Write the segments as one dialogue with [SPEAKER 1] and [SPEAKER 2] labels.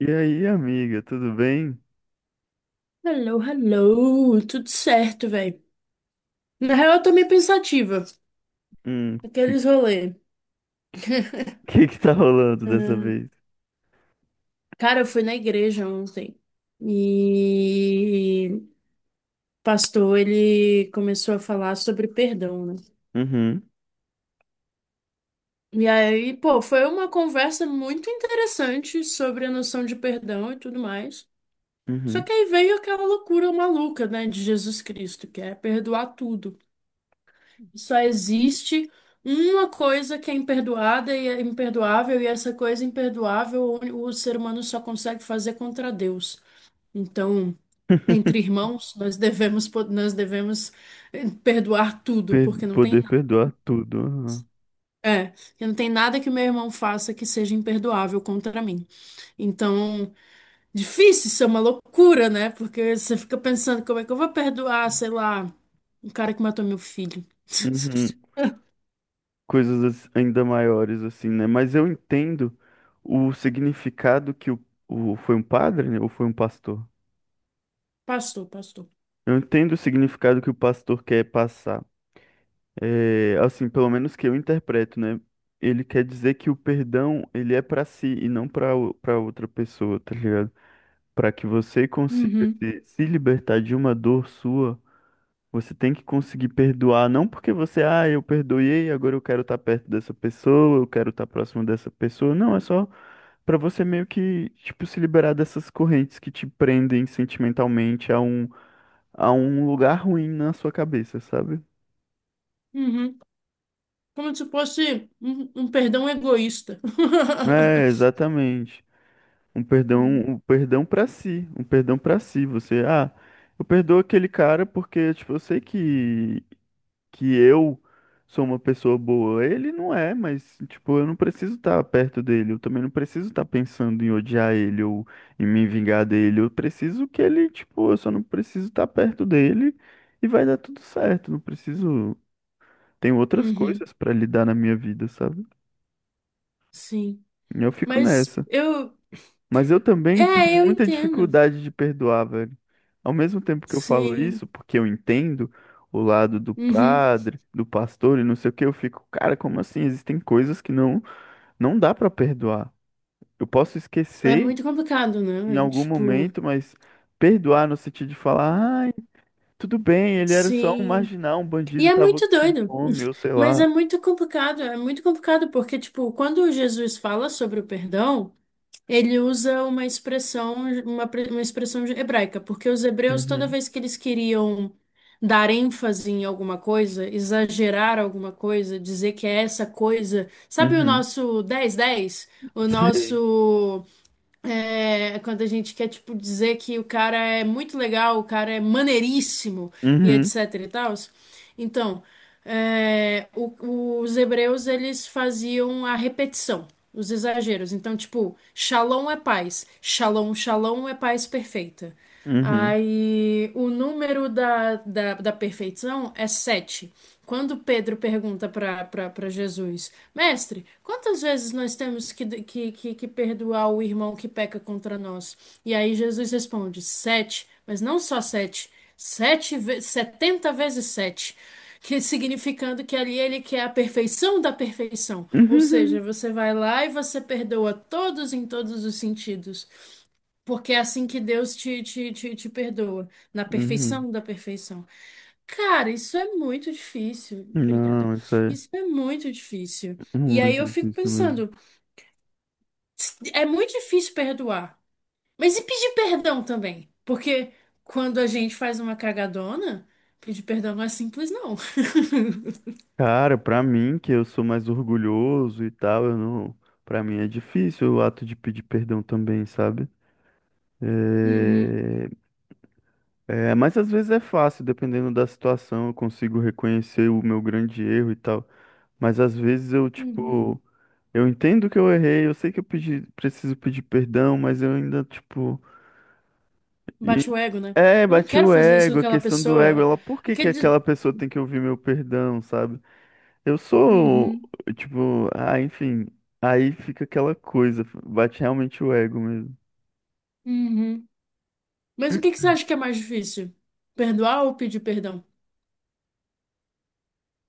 [SPEAKER 1] E aí, amiga, tudo bem?
[SPEAKER 2] Hello, hello, tudo certo, velho. Na real, eu tô meio pensativa.
[SPEAKER 1] Hum, que,
[SPEAKER 2] Aqueles rolê.
[SPEAKER 1] que tá rolando dessa
[SPEAKER 2] Hum.
[SPEAKER 1] vez?
[SPEAKER 2] Cara, eu fui na igreja ontem e o pastor, ele começou a falar sobre perdão, né?
[SPEAKER 1] Uhum,
[SPEAKER 2] E aí, pô, foi uma conversa muito interessante sobre a noção de perdão e tudo mais. Só
[SPEAKER 1] uhum.
[SPEAKER 2] que aí veio aquela loucura maluca, né, de Jesus Cristo, que é perdoar tudo. Só existe uma coisa que é imperdoada e é imperdoável, e essa coisa imperdoável o ser humano só consegue fazer contra Deus. Então, entre irmãos, nós devemos perdoar tudo, porque não tem
[SPEAKER 1] Poder
[SPEAKER 2] nada.
[SPEAKER 1] perdoar tudo. Aham.
[SPEAKER 2] É, porque não tem nada que meu irmão faça que seja imperdoável contra mim. Então, difícil, isso é uma loucura, né? Porque você fica pensando como é que eu vou perdoar, sei lá, um cara que matou meu filho.
[SPEAKER 1] Uhum. Coisas ainda maiores, assim, né? Mas eu entendo o significado que o foi um padre, né? Ou foi um pastor?
[SPEAKER 2] Pastor, pastor.
[SPEAKER 1] Eu entendo o significado que o pastor quer passar. É, assim, pelo menos que eu interpreto, né? Ele quer dizer que o perdão, ele é pra si e não para outra pessoa, tá ligado? Para que você consiga
[SPEAKER 2] Uhum.
[SPEAKER 1] se libertar de uma dor sua, você tem que conseguir perdoar, não porque você, ah, eu perdoei, agora eu quero estar perto dessa pessoa, eu quero estar próximo dessa pessoa. Não, é só para você meio que, tipo, se liberar dessas correntes que te prendem sentimentalmente a um lugar ruim na sua cabeça, sabe?
[SPEAKER 2] Uhum. Como se fosse um perdão egoísta.
[SPEAKER 1] É, exatamente. Um perdão para si, um perdão para si. Você, ah, eu perdoo aquele cara porque, tipo, eu sei que eu sou uma pessoa boa. Ele não é, mas, tipo, eu não preciso estar perto dele. Eu também não preciso estar pensando em odiar ele ou em me vingar dele. Eu preciso que ele, tipo, eu só não preciso estar perto dele e vai dar tudo certo. Não preciso. Tem outras
[SPEAKER 2] Uhum.
[SPEAKER 1] coisas pra lidar na minha vida, sabe?
[SPEAKER 2] Sim.
[SPEAKER 1] Eu fico
[SPEAKER 2] Mas
[SPEAKER 1] nessa.
[SPEAKER 2] eu.
[SPEAKER 1] Mas eu também
[SPEAKER 2] É,
[SPEAKER 1] tenho
[SPEAKER 2] eu
[SPEAKER 1] muita
[SPEAKER 2] entendo.
[SPEAKER 1] dificuldade de perdoar, velho. Ao mesmo tempo que eu falo
[SPEAKER 2] Sim.
[SPEAKER 1] isso, porque eu entendo o lado do
[SPEAKER 2] Uhum.
[SPEAKER 1] padre, do pastor e não sei o que, eu fico, cara, como assim? Existem coisas que não dá pra perdoar. Eu posso
[SPEAKER 2] É
[SPEAKER 1] esquecer
[SPEAKER 2] muito complicado,
[SPEAKER 1] em
[SPEAKER 2] né?
[SPEAKER 1] algum
[SPEAKER 2] Tipo,
[SPEAKER 1] momento, mas perdoar no sentido de falar, ai, tudo bem, ele era só um
[SPEAKER 2] sim.
[SPEAKER 1] marginal, um
[SPEAKER 2] E
[SPEAKER 1] bandido,
[SPEAKER 2] é
[SPEAKER 1] tava
[SPEAKER 2] muito
[SPEAKER 1] com
[SPEAKER 2] doido.
[SPEAKER 1] fome, ou sei
[SPEAKER 2] Mas
[SPEAKER 1] lá.
[SPEAKER 2] é muito complicado. É muito complicado porque, tipo, quando Jesus fala sobre o perdão, ele usa uma expressão, uma expressão hebraica, porque os hebreus, toda
[SPEAKER 1] Uhum,
[SPEAKER 2] vez que eles queriam dar ênfase em alguma coisa, exagerar alguma coisa, dizer que é essa coisa. Sabe o
[SPEAKER 1] uhum,
[SPEAKER 2] nosso dez dez? O
[SPEAKER 1] sei.
[SPEAKER 2] nosso. É, quando a gente quer, tipo, dizer que o cara é muito legal, o cara é maneiríssimo e
[SPEAKER 1] Uhum,
[SPEAKER 2] etc e tal. Então, os hebreus, eles faziam a repetição, os exageros. Então, tipo, shalom é paz, shalom, shalom é paz perfeita.
[SPEAKER 1] uhum,
[SPEAKER 2] Aí o número da perfeição é sete. Quando Pedro pergunta para Jesus, Mestre, quantas vezes nós temos que perdoar o irmão que peca contra nós? E aí Jesus responde, sete, mas não só sete, sete, setenta vezes sete. Que significando que ali ele quer a perfeição da perfeição. Ou seja,
[SPEAKER 1] uhum,
[SPEAKER 2] você vai lá e você perdoa todos em todos os sentidos. Porque é assim que Deus te perdoa, na
[SPEAKER 1] uhum.
[SPEAKER 2] perfeição da perfeição. Cara, isso é muito difícil. Obrigada.
[SPEAKER 1] Não, isso aí.
[SPEAKER 2] Isso é muito difícil. E aí
[SPEAKER 1] Muito
[SPEAKER 2] eu fico
[SPEAKER 1] difícil mesmo.
[SPEAKER 2] pensando, é muito difícil perdoar. Mas e pedir perdão também? Porque quando a gente faz uma cagadona, pedir perdão não é simples, não.
[SPEAKER 1] Cara, pra mim, que eu sou mais orgulhoso e tal, eu não. Pra mim é difícil o ato de pedir perdão também, sabe?
[SPEAKER 2] Uhum,
[SPEAKER 1] É... é, mas às vezes é fácil, dependendo da situação, eu consigo reconhecer o meu grande erro e tal. Mas às vezes eu,
[SPEAKER 2] uhum.
[SPEAKER 1] tipo, eu entendo que eu errei, eu sei que eu pedi... preciso pedir perdão, mas eu ainda, tipo. e-
[SPEAKER 2] Bate o ego, né?
[SPEAKER 1] É,
[SPEAKER 2] Tipo, eu não
[SPEAKER 1] bati
[SPEAKER 2] quero
[SPEAKER 1] o
[SPEAKER 2] fazer isso com
[SPEAKER 1] ego, a
[SPEAKER 2] aquela
[SPEAKER 1] questão do ego,
[SPEAKER 2] pessoa.
[SPEAKER 1] ela, por
[SPEAKER 2] Eu
[SPEAKER 1] que que
[SPEAKER 2] quero dizer...
[SPEAKER 1] aquela pessoa tem que ouvir meu perdão, sabe? Eu sou,
[SPEAKER 2] Uhum,
[SPEAKER 1] tipo, ah, enfim, aí fica aquela coisa, bate realmente o ego mesmo.
[SPEAKER 2] uhum. Mas o que que você acha que é mais difícil? Perdoar ou pedir perdão?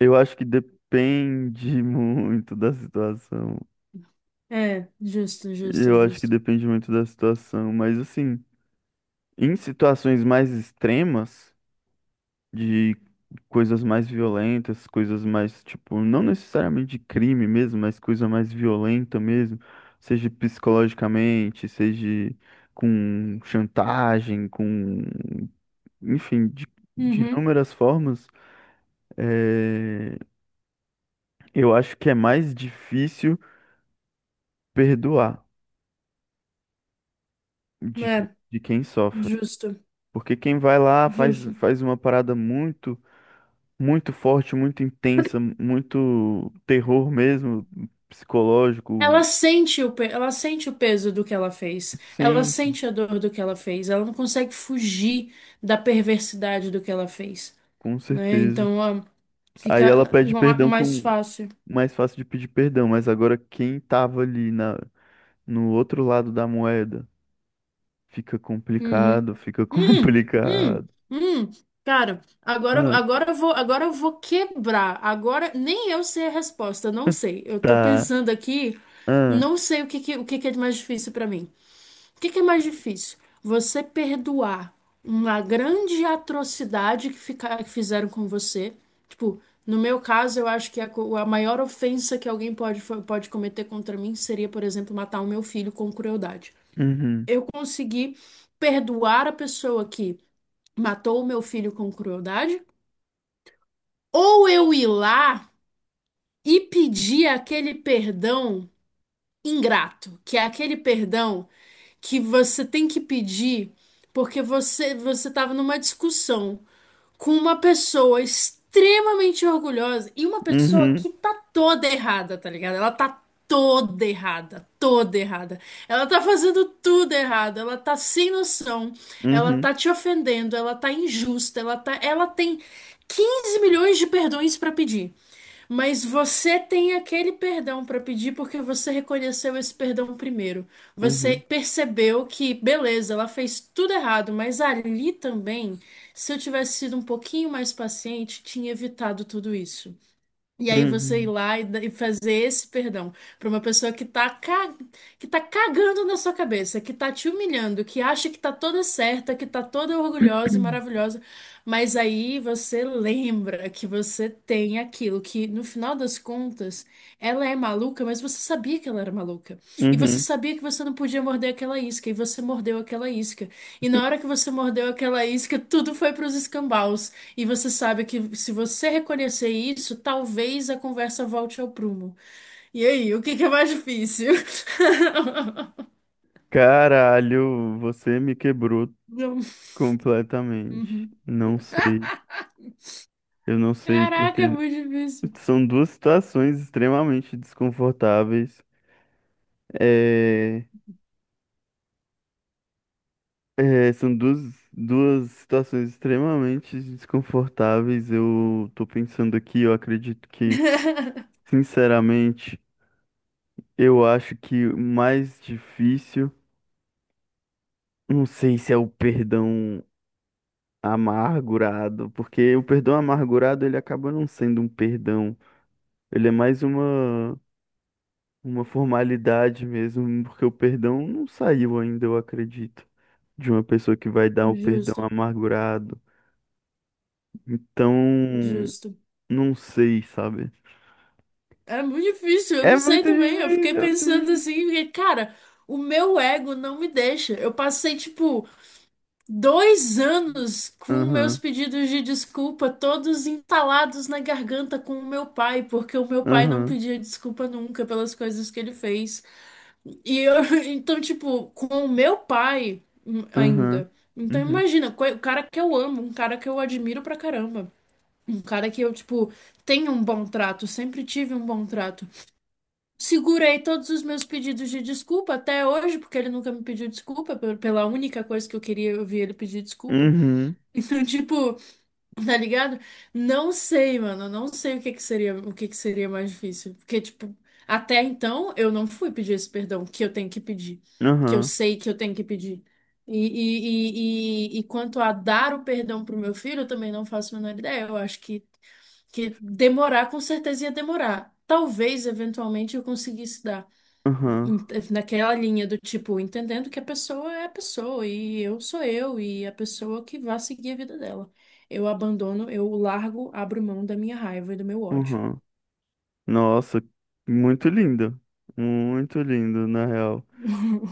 [SPEAKER 1] Eu acho que depende muito da situação.
[SPEAKER 2] É, justo, justo,
[SPEAKER 1] Eu acho que
[SPEAKER 2] justo.
[SPEAKER 1] depende muito da situação, mas assim, em situações mais extremas, de coisas mais violentas, coisas mais, tipo, não necessariamente de crime mesmo, mas coisa mais violenta mesmo, seja psicologicamente, seja com chantagem, com enfim, de
[SPEAKER 2] Uhum.
[SPEAKER 1] inúmeras formas, eh, eu acho que é mais difícil perdoar de,
[SPEAKER 2] É,
[SPEAKER 1] de quem sofre.
[SPEAKER 2] justo,
[SPEAKER 1] Porque quem vai lá
[SPEAKER 2] justo.
[SPEAKER 1] faz uma parada muito, muito forte, muito intensa, muito terror mesmo, psicológico,
[SPEAKER 2] Ela sente o peso do que ela fez. Ela
[SPEAKER 1] sente,
[SPEAKER 2] sente a dor do que ela fez. Ela não consegue fugir da perversidade do que ela fez,
[SPEAKER 1] com
[SPEAKER 2] né?
[SPEAKER 1] certeza.
[SPEAKER 2] Então, ó,
[SPEAKER 1] Aí ela
[SPEAKER 2] fica
[SPEAKER 1] pede perdão
[SPEAKER 2] mais
[SPEAKER 1] com
[SPEAKER 2] fácil.
[SPEAKER 1] mais fácil de pedir perdão, mas agora quem tava ali no outro lado da moeda fica
[SPEAKER 2] Uhum.
[SPEAKER 1] complicado, fica
[SPEAKER 2] Hum, hum,
[SPEAKER 1] complicado.
[SPEAKER 2] hum. Cara,
[SPEAKER 1] Ah,
[SPEAKER 2] agora eu vou quebrar. Agora nem eu sei a resposta, não sei. Eu tô
[SPEAKER 1] tá.
[SPEAKER 2] pensando aqui,
[SPEAKER 1] Ah,
[SPEAKER 2] não sei o que que é mais difícil pra mim. O que que é mais difícil? Você perdoar uma grande atrocidade que fizeram com você. Tipo, no meu caso, eu acho que a maior ofensa que alguém pode cometer contra mim seria, por exemplo, matar o meu filho com crueldade.
[SPEAKER 1] uhum,
[SPEAKER 2] Eu consegui perdoar a pessoa que matou o meu filho com crueldade, ou eu ir lá e pedir aquele perdão ingrato, que é aquele perdão que você tem que pedir porque você estava numa discussão com uma pessoa extremamente orgulhosa e uma pessoa
[SPEAKER 1] uhum,
[SPEAKER 2] que tá toda errada, tá ligado? Ela tá toda errada, toda errada. Ela tá fazendo tudo errado, ela tá sem noção, ela
[SPEAKER 1] uhum,
[SPEAKER 2] tá te ofendendo, ela tá injusta, ela tem 15 milhões de perdões pra pedir. Mas você tem aquele perdão para pedir porque você reconheceu esse perdão primeiro. Você
[SPEAKER 1] uhum,
[SPEAKER 2] percebeu que, beleza, ela fez tudo errado, mas ali também, se eu tivesse sido um pouquinho mais paciente, tinha evitado tudo isso. E aí você ir
[SPEAKER 1] uhum,
[SPEAKER 2] lá e e fazer esse perdão para uma pessoa que tá cagando na sua cabeça, que tá te humilhando, que acha que tá toda certa, que tá toda orgulhosa e maravilhosa, mas aí você lembra que você tem aquilo que, no final das contas, ela é maluca, mas você sabia que ela era maluca. E você
[SPEAKER 1] uhum.
[SPEAKER 2] sabia que você não podia morder aquela isca, e você mordeu aquela isca. E na hora que você mordeu aquela isca, tudo foi para os escambaus. E você sabe que se você reconhecer isso, talvez a conversa volte ao prumo. E aí, o que que é mais difícil?
[SPEAKER 1] Caralho, você me quebrou
[SPEAKER 2] Não.
[SPEAKER 1] completamente.
[SPEAKER 2] Uhum.
[SPEAKER 1] Não sei, eu não sei
[SPEAKER 2] Caraca, é
[SPEAKER 1] porque
[SPEAKER 2] muito difícil.
[SPEAKER 1] são duas situações extremamente desconfortáveis. É, é, são duas, duas situações extremamente desconfortáveis. Eu tô pensando aqui, eu acredito que, sinceramente, eu acho que o mais difícil, não sei se é o perdão amargurado, porque o perdão amargurado ele acaba não sendo um perdão, ele é mais uma formalidade mesmo, porque o perdão não saiu ainda, eu acredito, de uma pessoa que vai dar o perdão
[SPEAKER 2] Justo,
[SPEAKER 1] amargurado. Então,
[SPEAKER 2] justo.
[SPEAKER 1] não sei, sabe?
[SPEAKER 2] É muito difícil, eu
[SPEAKER 1] É
[SPEAKER 2] não sei
[SPEAKER 1] muito
[SPEAKER 2] também. Eu fiquei
[SPEAKER 1] difícil, é muito
[SPEAKER 2] pensando
[SPEAKER 1] difícil.
[SPEAKER 2] assim, porque, cara, o meu ego não me deixa. Eu passei, tipo, 2 anos com meus
[SPEAKER 1] Aham,
[SPEAKER 2] pedidos de desculpa, todos entalados na garganta com o meu pai, porque o meu pai não
[SPEAKER 1] aham,
[SPEAKER 2] pedia desculpa nunca pelas coisas que ele fez. E eu, então, tipo, com o meu pai
[SPEAKER 1] aham,
[SPEAKER 2] ainda. Então,
[SPEAKER 1] uhum,
[SPEAKER 2] imagina, o cara que eu amo, um cara que eu admiro pra caramba, um cara que eu, tipo, tenho um bom trato, sempre tive um bom trato. Segurei todos os meus pedidos de desculpa até hoje, porque ele nunca me pediu desculpa, pela única coisa que eu queria ouvir ele pedir desculpa.
[SPEAKER 1] uhum,
[SPEAKER 2] Então, tipo, tá ligado? Não sei, mano. Não sei o que que seria, o que que seria mais difícil. Porque, tipo, até então eu não fui pedir esse perdão que eu tenho que pedir. Que eu
[SPEAKER 1] aham,
[SPEAKER 2] sei que eu tenho que pedir. E quanto a dar o perdão pro meu filho, eu também não faço a menor ideia. Eu acho que demorar, com certeza ia demorar. Talvez, eventualmente, eu conseguisse dar
[SPEAKER 1] aham,
[SPEAKER 2] em- naquela linha do tipo, entendendo que a pessoa é a pessoa e eu sou eu e a pessoa que vai seguir a vida dela. Eu abandono, eu largo, abro mão da minha raiva e do meu ódio.
[SPEAKER 1] aham. Nossa, muito lindo. Muito lindo, na real.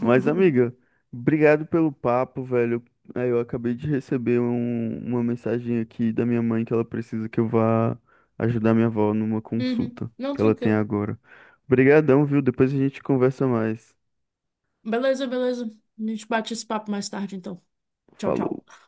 [SPEAKER 1] Mas, amiga, obrigado pelo papo, velho. É, eu acabei de receber uma mensagem aqui da minha mãe que ela precisa que eu vá ajudar minha avó numa
[SPEAKER 2] Uhum.
[SPEAKER 1] consulta
[SPEAKER 2] Não,
[SPEAKER 1] que ela tem
[SPEAKER 2] tranquilo.
[SPEAKER 1] agora. Obrigadão, viu? Depois a gente conversa mais.
[SPEAKER 2] Beleza, beleza. A gente bate esse papo mais tarde, então. Tchau,
[SPEAKER 1] Falou.
[SPEAKER 2] tchau.